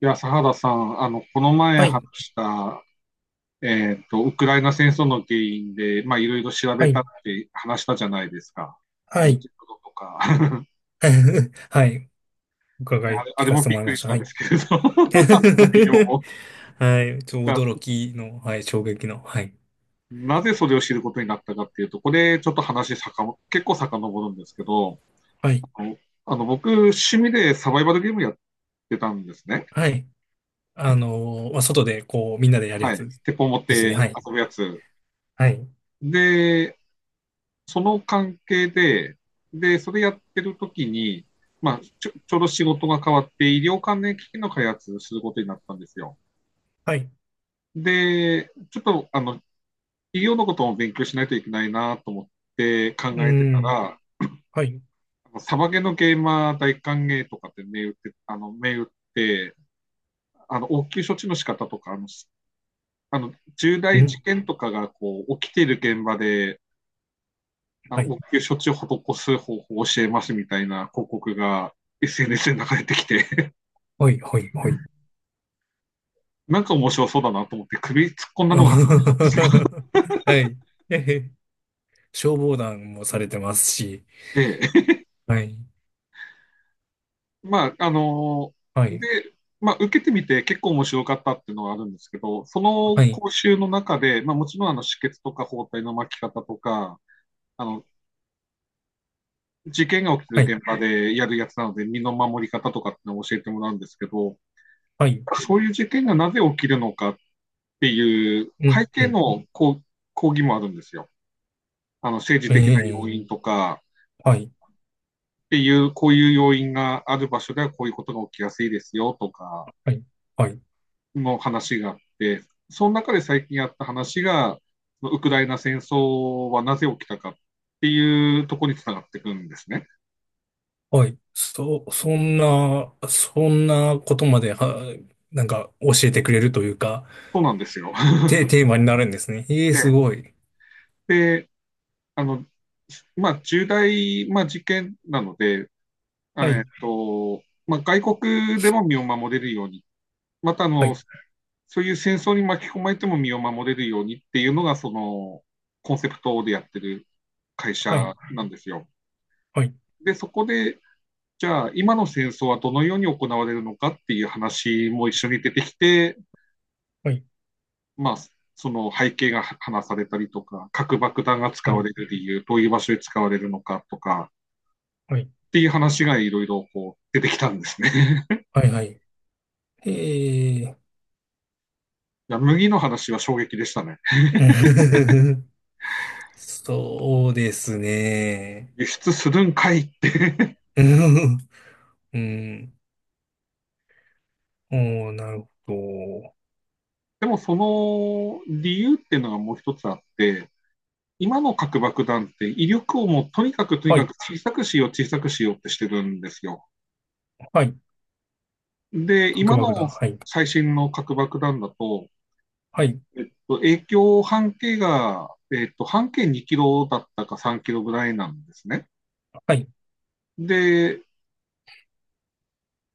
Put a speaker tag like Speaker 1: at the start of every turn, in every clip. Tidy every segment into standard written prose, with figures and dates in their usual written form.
Speaker 1: いや、佐原さん、この前
Speaker 2: は
Speaker 1: 話
Speaker 2: い、
Speaker 1: した、ウクライナ戦争の原因で、いろいろ調
Speaker 2: は
Speaker 1: べたっ
Speaker 2: い、
Speaker 1: て話したじゃないですか。あ
Speaker 2: は
Speaker 1: の、
Speaker 2: い、
Speaker 1: ジェットとか、
Speaker 2: はい、
Speaker 1: ね、
Speaker 2: 伺い
Speaker 1: あ
Speaker 2: 聞
Speaker 1: れ
Speaker 2: かせ
Speaker 1: も
Speaker 2: て
Speaker 1: びっ
Speaker 2: もらい
Speaker 1: く
Speaker 2: ま
Speaker 1: り
Speaker 2: し
Speaker 1: し
Speaker 2: た。
Speaker 1: た
Speaker 2: は
Speaker 1: んで
Speaker 2: い。
Speaker 1: すけれど、内容 も。
Speaker 2: はい、驚
Speaker 1: だ
Speaker 2: きの、はい、衝撃の、はい、
Speaker 1: なぜそれを知ることになったかっていうと、これ、ちょっと話さかも、結構遡るんですけど、
Speaker 2: はい、
Speaker 1: あの、あの僕、趣味でサバイバルゲームやってたんですね。
Speaker 2: はい。まあ、外で、こう、みんなでやるや
Speaker 1: はい。
Speaker 2: つ
Speaker 1: 鉄砲持って
Speaker 2: ですね。
Speaker 1: 遊
Speaker 2: はい、
Speaker 1: ぶやつ。
Speaker 2: はい、
Speaker 1: で、その関係で、で、それやってる時に、ちょうど仕事が変わって、医療関連機器の開発することになったんですよ。
Speaker 2: はい、
Speaker 1: で、ちょっと、医療のことも勉強しないといけないなと思って考
Speaker 2: う
Speaker 1: えてた
Speaker 2: ん、
Speaker 1: ら、
Speaker 2: はい、
Speaker 1: あのサバゲのゲーマー大歓迎とかって銘打って、て、応急処置の仕方とか、あの重
Speaker 2: う
Speaker 1: 大事
Speaker 2: ん、
Speaker 1: 件とかがこう起きている現場であの
Speaker 2: はい、
Speaker 1: 応急処置を施す方法を教えますみたいな広告が SNS で流れてきて、
Speaker 2: はい、はい、はい。
Speaker 1: なんか面白そうだなと思って首突っ込ん だのが始まったんですよ。
Speaker 2: はい。えへ消防団もされてますし、
Speaker 1: ええ。
Speaker 2: はい、
Speaker 1: まあ、あの
Speaker 2: はい、
Speaker 1: で、まあ、受けてみて結構面白かったっていうのがあるんですけど、その
Speaker 2: はい、
Speaker 1: 講習の中で、まあ、もちろんあの止血とか包帯の巻き方とか、あの、事件が起き
Speaker 2: は
Speaker 1: てる
Speaker 2: い、
Speaker 1: 現場でやるやつなので、身の守り方とかってのを教えてもらうんですけど、
Speaker 2: はい、
Speaker 1: そういう事件がなぜ起きるのかっていう
Speaker 2: う
Speaker 1: 背
Speaker 2: ん、う
Speaker 1: 景
Speaker 2: ん、
Speaker 1: の抗議もあるんですよ。あの政治
Speaker 2: え
Speaker 1: 的な要
Speaker 2: え、
Speaker 1: 因とか
Speaker 2: はい。
Speaker 1: っていう、こういう要因がある場所ではこういうことが起きやすいですよとか
Speaker 2: はい。はい。
Speaker 1: の話があって、その中で最近あった話が、ウクライナ戦争はなぜ起きたかっていうところにつながってくるんですね。
Speaker 2: はい。そんなことまで、なんか教えてくれるというか、
Speaker 1: そうなんですよ。
Speaker 2: テーマになるんですね。ええ、すご い。
Speaker 1: で、あの、まあ、まあ、事件なので、
Speaker 2: は
Speaker 1: えっ
Speaker 2: い。
Speaker 1: と、まあ、外国でも身を守れるように、またあ
Speaker 2: は
Speaker 1: の、
Speaker 2: い。
Speaker 1: そういう戦争に巻き込まれても身を守れるようにっていうのが、そのコンセプトでやってる会
Speaker 2: は
Speaker 1: 社
Speaker 2: い。
Speaker 1: なんですよ。
Speaker 2: はい。
Speaker 1: で、そこで、じゃあ今の戦争はどのように行われるのかっていう話も一緒に出てきて、
Speaker 2: はい。
Speaker 1: まあ、その背景が話されたりとか、核爆弾が使
Speaker 2: は
Speaker 1: わ
Speaker 2: い。
Speaker 1: れる理由、どういう場所で使われるのかとか
Speaker 2: はい。
Speaker 1: っていう話がいろいろこう出てきたんですね。
Speaker 2: はい。はい、ええ。
Speaker 1: いや麦の話は衝撃でしたね。
Speaker 2: そうですね。
Speaker 1: 輸出するんかいって。
Speaker 2: うん。うん、おー、なるほど。
Speaker 1: でもその理由っていうのがもう一つあって、今の核爆弾って威力をもうとにかくとに
Speaker 2: は
Speaker 1: かく
Speaker 2: い。
Speaker 1: 小さくしよう、小さくしようってしてるんですよ。
Speaker 2: はい。
Speaker 1: で、
Speaker 2: 核
Speaker 1: 今の
Speaker 2: 爆弾。はい。
Speaker 1: 最新の核爆弾だと、
Speaker 2: はい。
Speaker 1: 影響半径が、半径2キロだったか3キロぐらいなんですね。
Speaker 2: はい。
Speaker 1: で、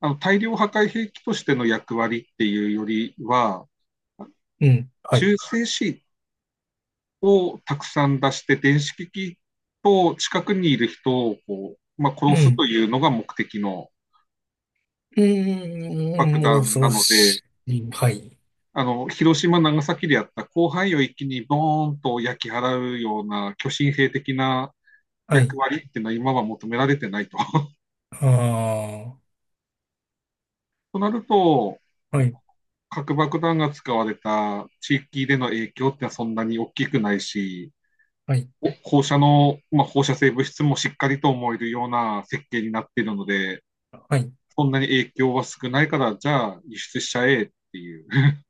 Speaker 1: あの大量破壊兵器としての役割っていうよりは、
Speaker 2: うん。はい。
Speaker 1: 中性子をたくさん出して、電子機器と近くにいる人をこう、まあ、
Speaker 2: う
Speaker 1: 殺す
Speaker 2: ん。
Speaker 1: というのが目的の
Speaker 2: う
Speaker 1: 爆
Speaker 2: ーん、
Speaker 1: 弾
Speaker 2: 恐
Speaker 1: な
Speaker 2: ろ
Speaker 1: ので、
Speaker 2: しい。はい。
Speaker 1: あの、広島、長崎でやった広範囲を一気にボーンと焼き払うような巨神兵的な
Speaker 2: は
Speaker 1: 役
Speaker 2: い。
Speaker 1: 割っていうのは今は求められてないと。
Speaker 2: ああ、
Speaker 1: となると、
Speaker 2: はい。
Speaker 1: 核爆弾が使われた地域での影響ってのはそんなに大きくないし、
Speaker 2: はい。
Speaker 1: 放射の、まあ、放射性物質もしっかりと思えるような設計になっているので、
Speaker 2: はい。
Speaker 1: そんなに影響は少ないから、じゃあ輸出しちゃえっていう、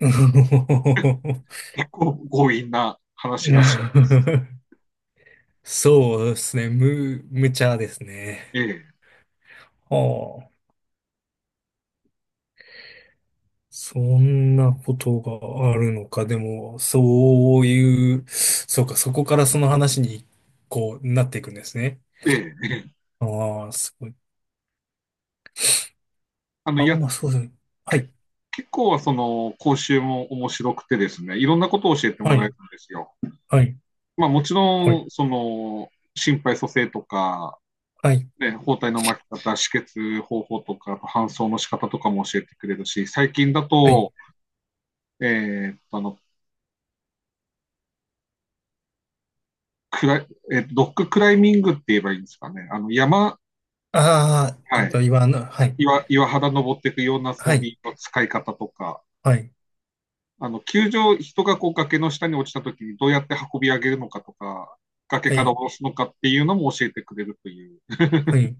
Speaker 1: 結構強引な話だし、
Speaker 2: そうですね。無茶ですね。
Speaker 1: ええ、
Speaker 2: はあ。そんなことがあるのか。でも、そういう、そうか、そこからその話に、こう、なっていくんですね。
Speaker 1: ええ、ええ
Speaker 2: ああ、すごい。
Speaker 1: あの、
Speaker 2: あ
Speaker 1: や
Speaker 2: ん
Speaker 1: っ
Speaker 2: まそうですね。は
Speaker 1: け
Speaker 2: い。
Speaker 1: 結構その講習も面白くてですね、いろんなことを教えて
Speaker 2: は
Speaker 1: もらえる
Speaker 2: い。
Speaker 1: んですよ。
Speaker 2: はい。
Speaker 1: まあもち
Speaker 2: は
Speaker 1: ろん、
Speaker 2: い。
Speaker 1: その、心肺蘇生とか、
Speaker 2: はい。
Speaker 1: ね、包帯の巻き方、止血方法とか、あと搬送の仕方とかも教えてくれるし、最近だ
Speaker 2: はい。
Speaker 1: と、えーっと、あの、クライ、ロッククライミングって言えばいいんですかね。あの、山、
Speaker 2: ああ、え
Speaker 1: は
Speaker 2: っ
Speaker 1: い。
Speaker 2: と、言のはい。
Speaker 1: 岩肌登っていくような
Speaker 2: は
Speaker 1: 装
Speaker 2: い、
Speaker 1: 備の使い方とか、
Speaker 2: はい、
Speaker 1: 人がこう崖の下に落ちた時にどうやって運び上げるのかとか、崖
Speaker 2: は
Speaker 1: から
Speaker 2: い、
Speaker 1: 下ろすのかっていうのも教えてくれるという、
Speaker 2: はい。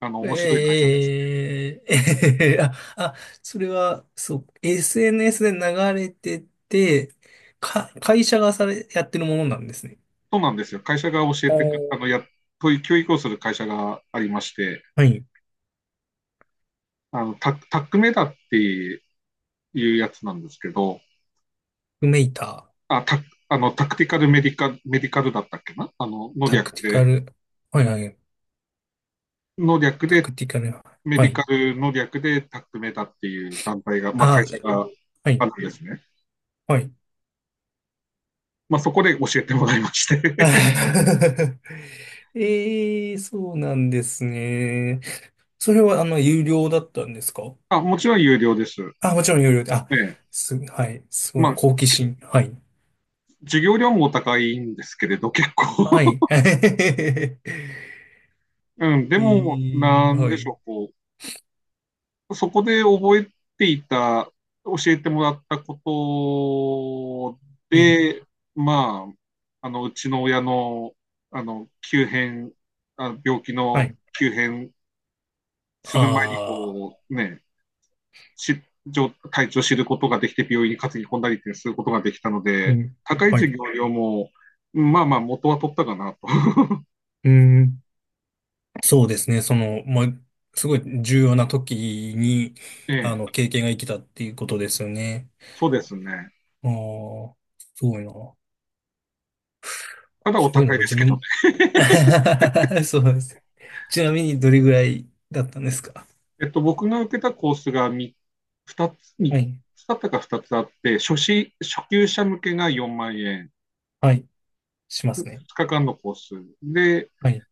Speaker 1: あの、面白い会社でした。
Speaker 2: ええ それは、そう、SNS で流れてて、会社がされ、やってるものなんですね。
Speaker 1: そうなんですよ。会社が教え
Speaker 2: お
Speaker 1: てく、あの、
Speaker 2: ー、
Speaker 1: や、そういう教育をする会社がありまして、
Speaker 2: はい。
Speaker 1: タックメダっていうやつなんですけど、
Speaker 2: クメイター、
Speaker 1: あ、タ、あの、タクティカルメディカ、メディカルだったっけなあの、の
Speaker 2: タ
Speaker 1: 略
Speaker 2: クティカ
Speaker 1: で、
Speaker 2: ル、はいはい、
Speaker 1: の略
Speaker 2: タ
Speaker 1: で、
Speaker 2: クティカル、
Speaker 1: メ
Speaker 2: は
Speaker 1: ディ
Speaker 2: い。
Speaker 1: カルの略でタックメダっていう団体が、まあ、会
Speaker 2: あ、
Speaker 1: 社が
Speaker 2: は
Speaker 1: あ
Speaker 2: い、
Speaker 1: るんですね。
Speaker 2: はい。
Speaker 1: まあ、そこで教えてもらいまして
Speaker 2: ええ、そうなんですね。それは、あの、有料だったんですか？
Speaker 1: あ、もちろん有料です。
Speaker 2: あ、もちろん有料で、あ、
Speaker 1: ええ。
Speaker 2: はい、すご
Speaker 1: ま
Speaker 2: い、
Speaker 1: あ、
Speaker 2: 好奇心。はい。
Speaker 1: 授業料もお高いんですけれど、結構。
Speaker 2: はい。え
Speaker 1: うん、でも、
Speaker 2: い、
Speaker 1: なん
Speaker 2: は
Speaker 1: でしょ
Speaker 2: い。
Speaker 1: う、こう、そこで覚えていた、教えてもらったこと
Speaker 2: うん。
Speaker 1: で、まあ、うちの親の、あの、急変、あ、病気
Speaker 2: は
Speaker 1: の
Speaker 2: い。
Speaker 1: 急変する前に、
Speaker 2: ああ、
Speaker 1: こう、ね、体調を知ることができて、病院に担ぎ込んだりってすることができたの
Speaker 2: う
Speaker 1: で、
Speaker 2: ん。
Speaker 1: 高い
Speaker 2: は
Speaker 1: 授
Speaker 2: い。
Speaker 1: 業料も、まあまあ、元は取ったかなと。
Speaker 2: うん。そうですね。その、まあ、すごい重要な時に、
Speaker 1: え
Speaker 2: あ
Speaker 1: え、
Speaker 2: の、経験が生きたっていうことですよね。
Speaker 1: そうですね。
Speaker 2: ああ、すごいな。
Speaker 1: ただお
Speaker 2: そういう
Speaker 1: 高
Speaker 2: の
Speaker 1: い
Speaker 2: が
Speaker 1: です
Speaker 2: 自
Speaker 1: け
Speaker 2: 分
Speaker 1: どね。
Speaker 2: も、そうなんです。ちなみにどれぐらいだったんですか？
Speaker 1: えっと、僕が受けたコースが2つ、
Speaker 2: は
Speaker 1: 三
Speaker 2: い。
Speaker 1: つだったか2つあって、初級者向けが4万円、
Speaker 2: はい。しますね。
Speaker 1: 2日間のコース。で、
Speaker 2: はい、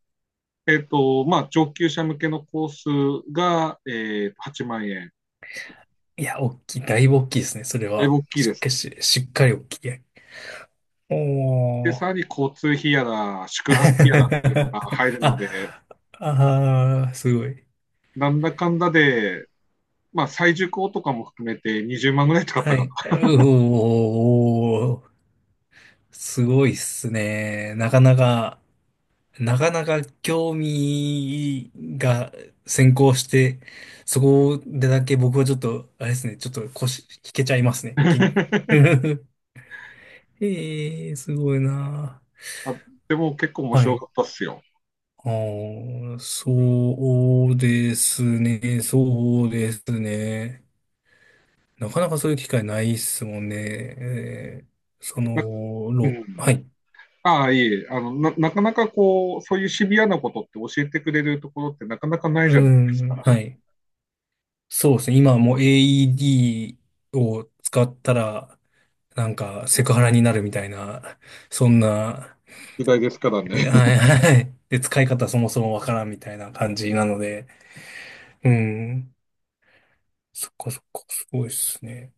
Speaker 1: まあ、上級者向けのコースが、8万円。
Speaker 2: いや、大きい、だいぶ大きいですね、それ
Speaker 1: だいぶ
Speaker 2: は。
Speaker 1: 大きい
Speaker 2: し
Speaker 1: で
Speaker 2: っ
Speaker 1: す
Speaker 2: か
Speaker 1: ね。
Speaker 2: りし、しっかり大きい。お
Speaker 1: で、
Speaker 2: ー。
Speaker 1: さらに交通費やら、宿泊費やらっていうのが入るので、
Speaker 2: あ、あー、すごい。
Speaker 1: なんだかんだで、まあ、再受講とかも含めて20万ぐらい使った
Speaker 2: は
Speaker 1: か
Speaker 2: い。
Speaker 1: な。
Speaker 2: うおー、すごいっすね。なかなか、なかなか興味が先行して、そこでだけ僕はちょっと、あれですね、ちょっと腰引けちゃいますね。き ええー、すごいな。
Speaker 1: あでも結構面
Speaker 2: は
Speaker 1: 白
Speaker 2: い。
Speaker 1: かったっすよ。
Speaker 2: あー、そうですね、そうですね。なかなかそういう機会ないっすもんね。えー、その、
Speaker 1: なう
Speaker 2: ろ、は
Speaker 1: ん。
Speaker 2: い。
Speaker 1: ああ、いえいえ、あの、な、なかなかこう、そういうシビアなことって教えてくれるところってなかなかな
Speaker 2: う
Speaker 1: いじゃないです
Speaker 2: ん、は
Speaker 1: か。
Speaker 2: い。そうですね。今はもう AED を使ったら、なんかセクハラになるみたいな、そんな、
Speaker 1: 時代ですからね。
Speaker 2: え、はいはい。で、使い方そもそもわからんみたいな感じなので、うん。そっかそっか、すごいっすね。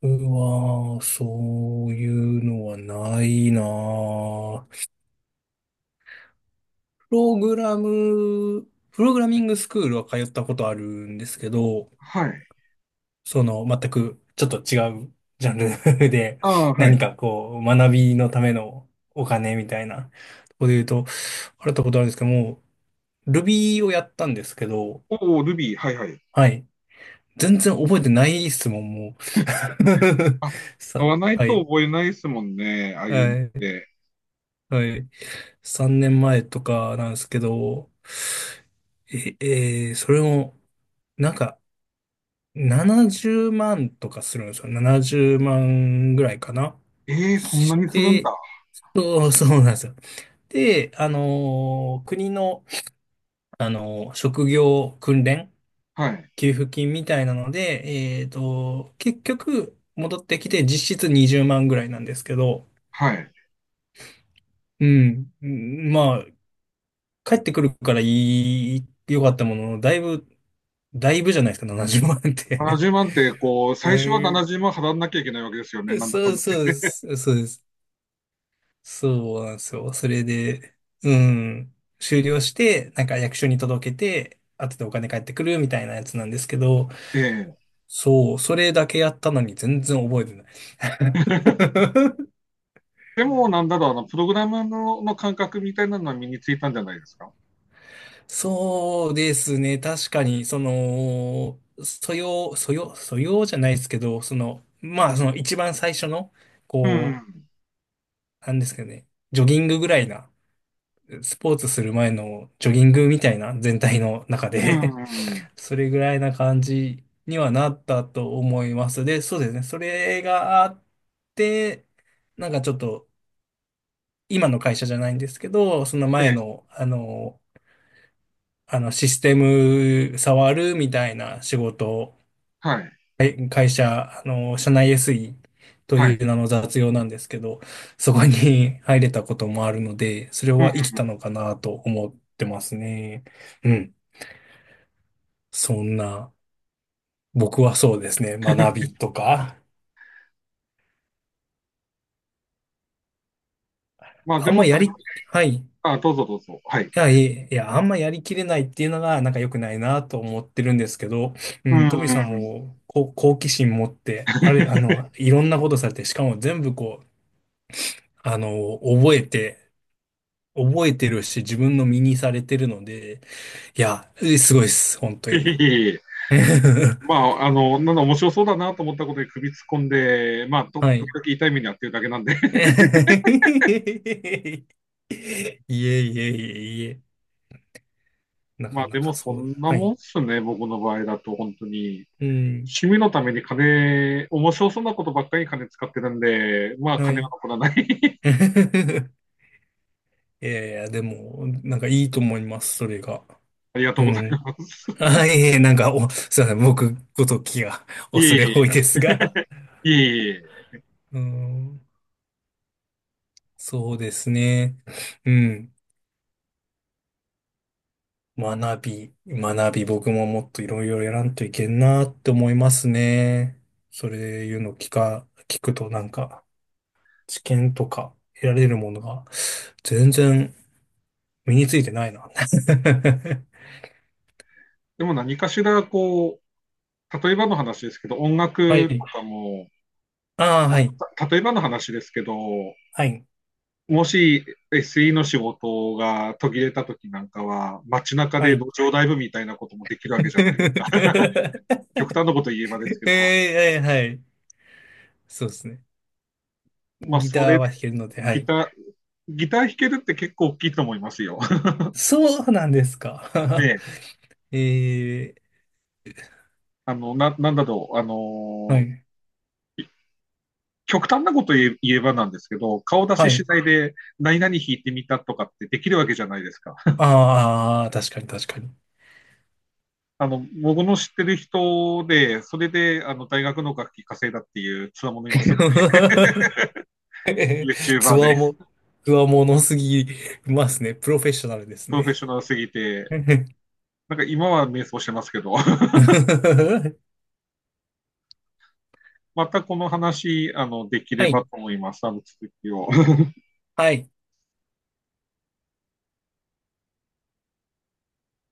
Speaker 2: 僕は、そういうのはないなぁ。プログラミングスクールは通ったことあるんですけど、
Speaker 1: はい。
Speaker 2: その、全くちょっと違うジャンル で、
Speaker 1: ああ、は
Speaker 2: 何
Speaker 1: い。
Speaker 2: かこう、学びのためのお金みたいな、とこで言うと、払ったことあるんですけども、Ruby をやったんですけど、
Speaker 1: おお、ルビー、はいはい。
Speaker 2: はい。全然覚えてない質問もんもう。
Speaker 1: あ、買
Speaker 2: さ、
Speaker 1: わない
Speaker 2: は
Speaker 1: と
Speaker 2: い。
Speaker 1: 覚えないですもんね、ああいうのっ
Speaker 2: はい。
Speaker 1: て。
Speaker 2: はい。3年前とかなんですけど、え、それも、なんか、70万とかするんですよ。70万ぐらいかな。
Speaker 1: ええーそんな
Speaker 2: し
Speaker 1: にするん
Speaker 2: て、
Speaker 1: だ。
Speaker 2: そう、そうなんですよ。で、国の、職業訓練
Speaker 1: はい。
Speaker 2: 給付金みたいなので、えっと、結局、戻ってきて実質20万ぐらいなんですけど、
Speaker 1: はい。
Speaker 2: うん。うん、まあ、帰ってくるから良かったものの、だいぶじゃないですか、70万って。
Speaker 1: 70万って、こう、
Speaker 2: う
Speaker 1: 最初は70万払わなきゃいけないわけですよね、
Speaker 2: ん、
Speaker 1: なんだか
Speaker 2: そ
Speaker 1: ん
Speaker 2: う
Speaker 1: だ。
Speaker 2: そうです。そうです。そうなんですよ。それで、うん、終了して、なんか役所に届けて、後でお金返ってくるみたいなやつなんですけど、
Speaker 1: ええ。
Speaker 2: そう、それだけやったのに全然覚えてない。
Speaker 1: でも、なんだろう、プログラムの、の感覚みたいなのは身についたんじゃないですか。
Speaker 2: そうですね。確かに、その、素養じゃないですけど、その、まあ、その一番最初の、
Speaker 1: う
Speaker 2: こ
Speaker 1: ん。
Speaker 2: う、なんですけどね、ジョギングぐらいな、スポーツする前のジョギングみたいな全体の中
Speaker 1: う
Speaker 2: で
Speaker 1: ん。うん
Speaker 2: それぐらいな感じにはなったと思います。で、そうですね。それがあって、なんかちょっと、今の会社じゃないんですけど、その
Speaker 1: え
Speaker 2: 前
Speaker 1: え。
Speaker 2: の、あの、システム触るみたいな仕事を、
Speaker 1: はい。
Speaker 2: 会社、あの、社内 SE と
Speaker 1: はい。
Speaker 2: いう名の雑用なんですけど、そこに 入れたこともあるので、それ
Speaker 1: うん。
Speaker 2: は生きたのかなと思ってますね。うん。そんな、僕はそうですね、学びとか、
Speaker 1: まあ、
Speaker 2: あ
Speaker 1: で
Speaker 2: ん
Speaker 1: も、
Speaker 2: ま
Speaker 1: そ
Speaker 2: や
Speaker 1: れ、
Speaker 2: り、はい。
Speaker 1: あ、どうぞどうぞ。はい。
Speaker 2: いや、あんまやりきれないっていうのが、なんか良くないなと思ってるんですけど、う
Speaker 1: う
Speaker 2: ん、トミさん
Speaker 1: ん。
Speaker 2: も、こう、好奇心持って、あれ、あの、いろんなことされて、しかも全部こう、あの、覚えてるし、自分の身にされてるので、いや、え、すごいです、本当
Speaker 1: いえ
Speaker 2: に。
Speaker 1: いえいえ まあ、あの、なんだ、面白そうだなと思ったことで首突っ込んで、
Speaker 2: はい。
Speaker 1: 時々痛い目に遭ってるだけなんで。
Speaker 2: いえ いえ、いえいえ、な
Speaker 1: ま
Speaker 2: か
Speaker 1: あ、
Speaker 2: な
Speaker 1: でも、
Speaker 2: か
Speaker 1: そ
Speaker 2: そうだ。
Speaker 1: んな
Speaker 2: は
Speaker 1: もん
Speaker 2: い。
Speaker 1: っすね、僕の場合だと、本当に。
Speaker 2: うん。
Speaker 1: 趣味のために金、面白そうなことばっかりに金使ってるんで、まあ
Speaker 2: は
Speaker 1: 金が
Speaker 2: い。
Speaker 1: 残らない。
Speaker 2: いやいや、でも、なんかいいと思います、それが。
Speaker 1: ありがと
Speaker 2: う
Speaker 1: うござい
Speaker 2: ん。
Speaker 1: ます。
Speaker 2: あ、いえいえ、なんか、お、すいません、僕ごときが
Speaker 1: いえい
Speaker 2: 恐れ多い
Speaker 1: え、
Speaker 2: ですが。
Speaker 1: いえいえ。
Speaker 2: うん、そうですね。うん。学び、学び、僕ももっといろいろやらんといけんなって思いますね。それいうの聞くとなんか、知見とか得られるものが全然身についてないな。
Speaker 1: でも何かしら、こう、例えばの話ですけど、音
Speaker 2: は
Speaker 1: 楽
Speaker 2: い。
Speaker 1: とかも、
Speaker 2: ああ、
Speaker 1: まあ
Speaker 2: はい。
Speaker 1: た例えばの話ですけど、
Speaker 2: はい。
Speaker 1: もし SE の仕事が途切れた時なんかは、街中で
Speaker 2: はい。
Speaker 1: 路上ライブみたいなこともできる わけじゃない。
Speaker 2: え
Speaker 1: 極端なこと言えばですけど、
Speaker 2: え、はいはい。そうですね。
Speaker 1: まあ
Speaker 2: ギ
Speaker 1: そ
Speaker 2: ター
Speaker 1: れ、
Speaker 2: は弾けるので、は
Speaker 1: ギ
Speaker 2: い。
Speaker 1: ター、ギター弾けるって結構大きいと思いますよ。
Speaker 2: そうなんですか。
Speaker 1: ね、
Speaker 2: え
Speaker 1: なんだろう、あ
Speaker 2: ー、は
Speaker 1: の
Speaker 2: い。
Speaker 1: 極端なこと言えばなんですけど、顔出
Speaker 2: は
Speaker 1: しし
Speaker 2: い。
Speaker 1: ないで何々弾いてみたとかってできるわけじゃないですか。
Speaker 2: ああ、確かに確かに。
Speaker 1: あの、僕の知ってる人で、それで、あの、大学の楽器稼いだっていうつわものいますので、
Speaker 2: つ
Speaker 1: YouTuber で、
Speaker 2: わも、つわものすぎますね。プロフェッショナルです
Speaker 1: プロフェッシ
Speaker 2: ね。
Speaker 1: ョナルすぎて、なんか今は瞑想してますけど、またこの話、あの、できれ
Speaker 2: は
Speaker 1: ば
Speaker 2: い。
Speaker 1: と思います。あの、続きを。
Speaker 2: はい。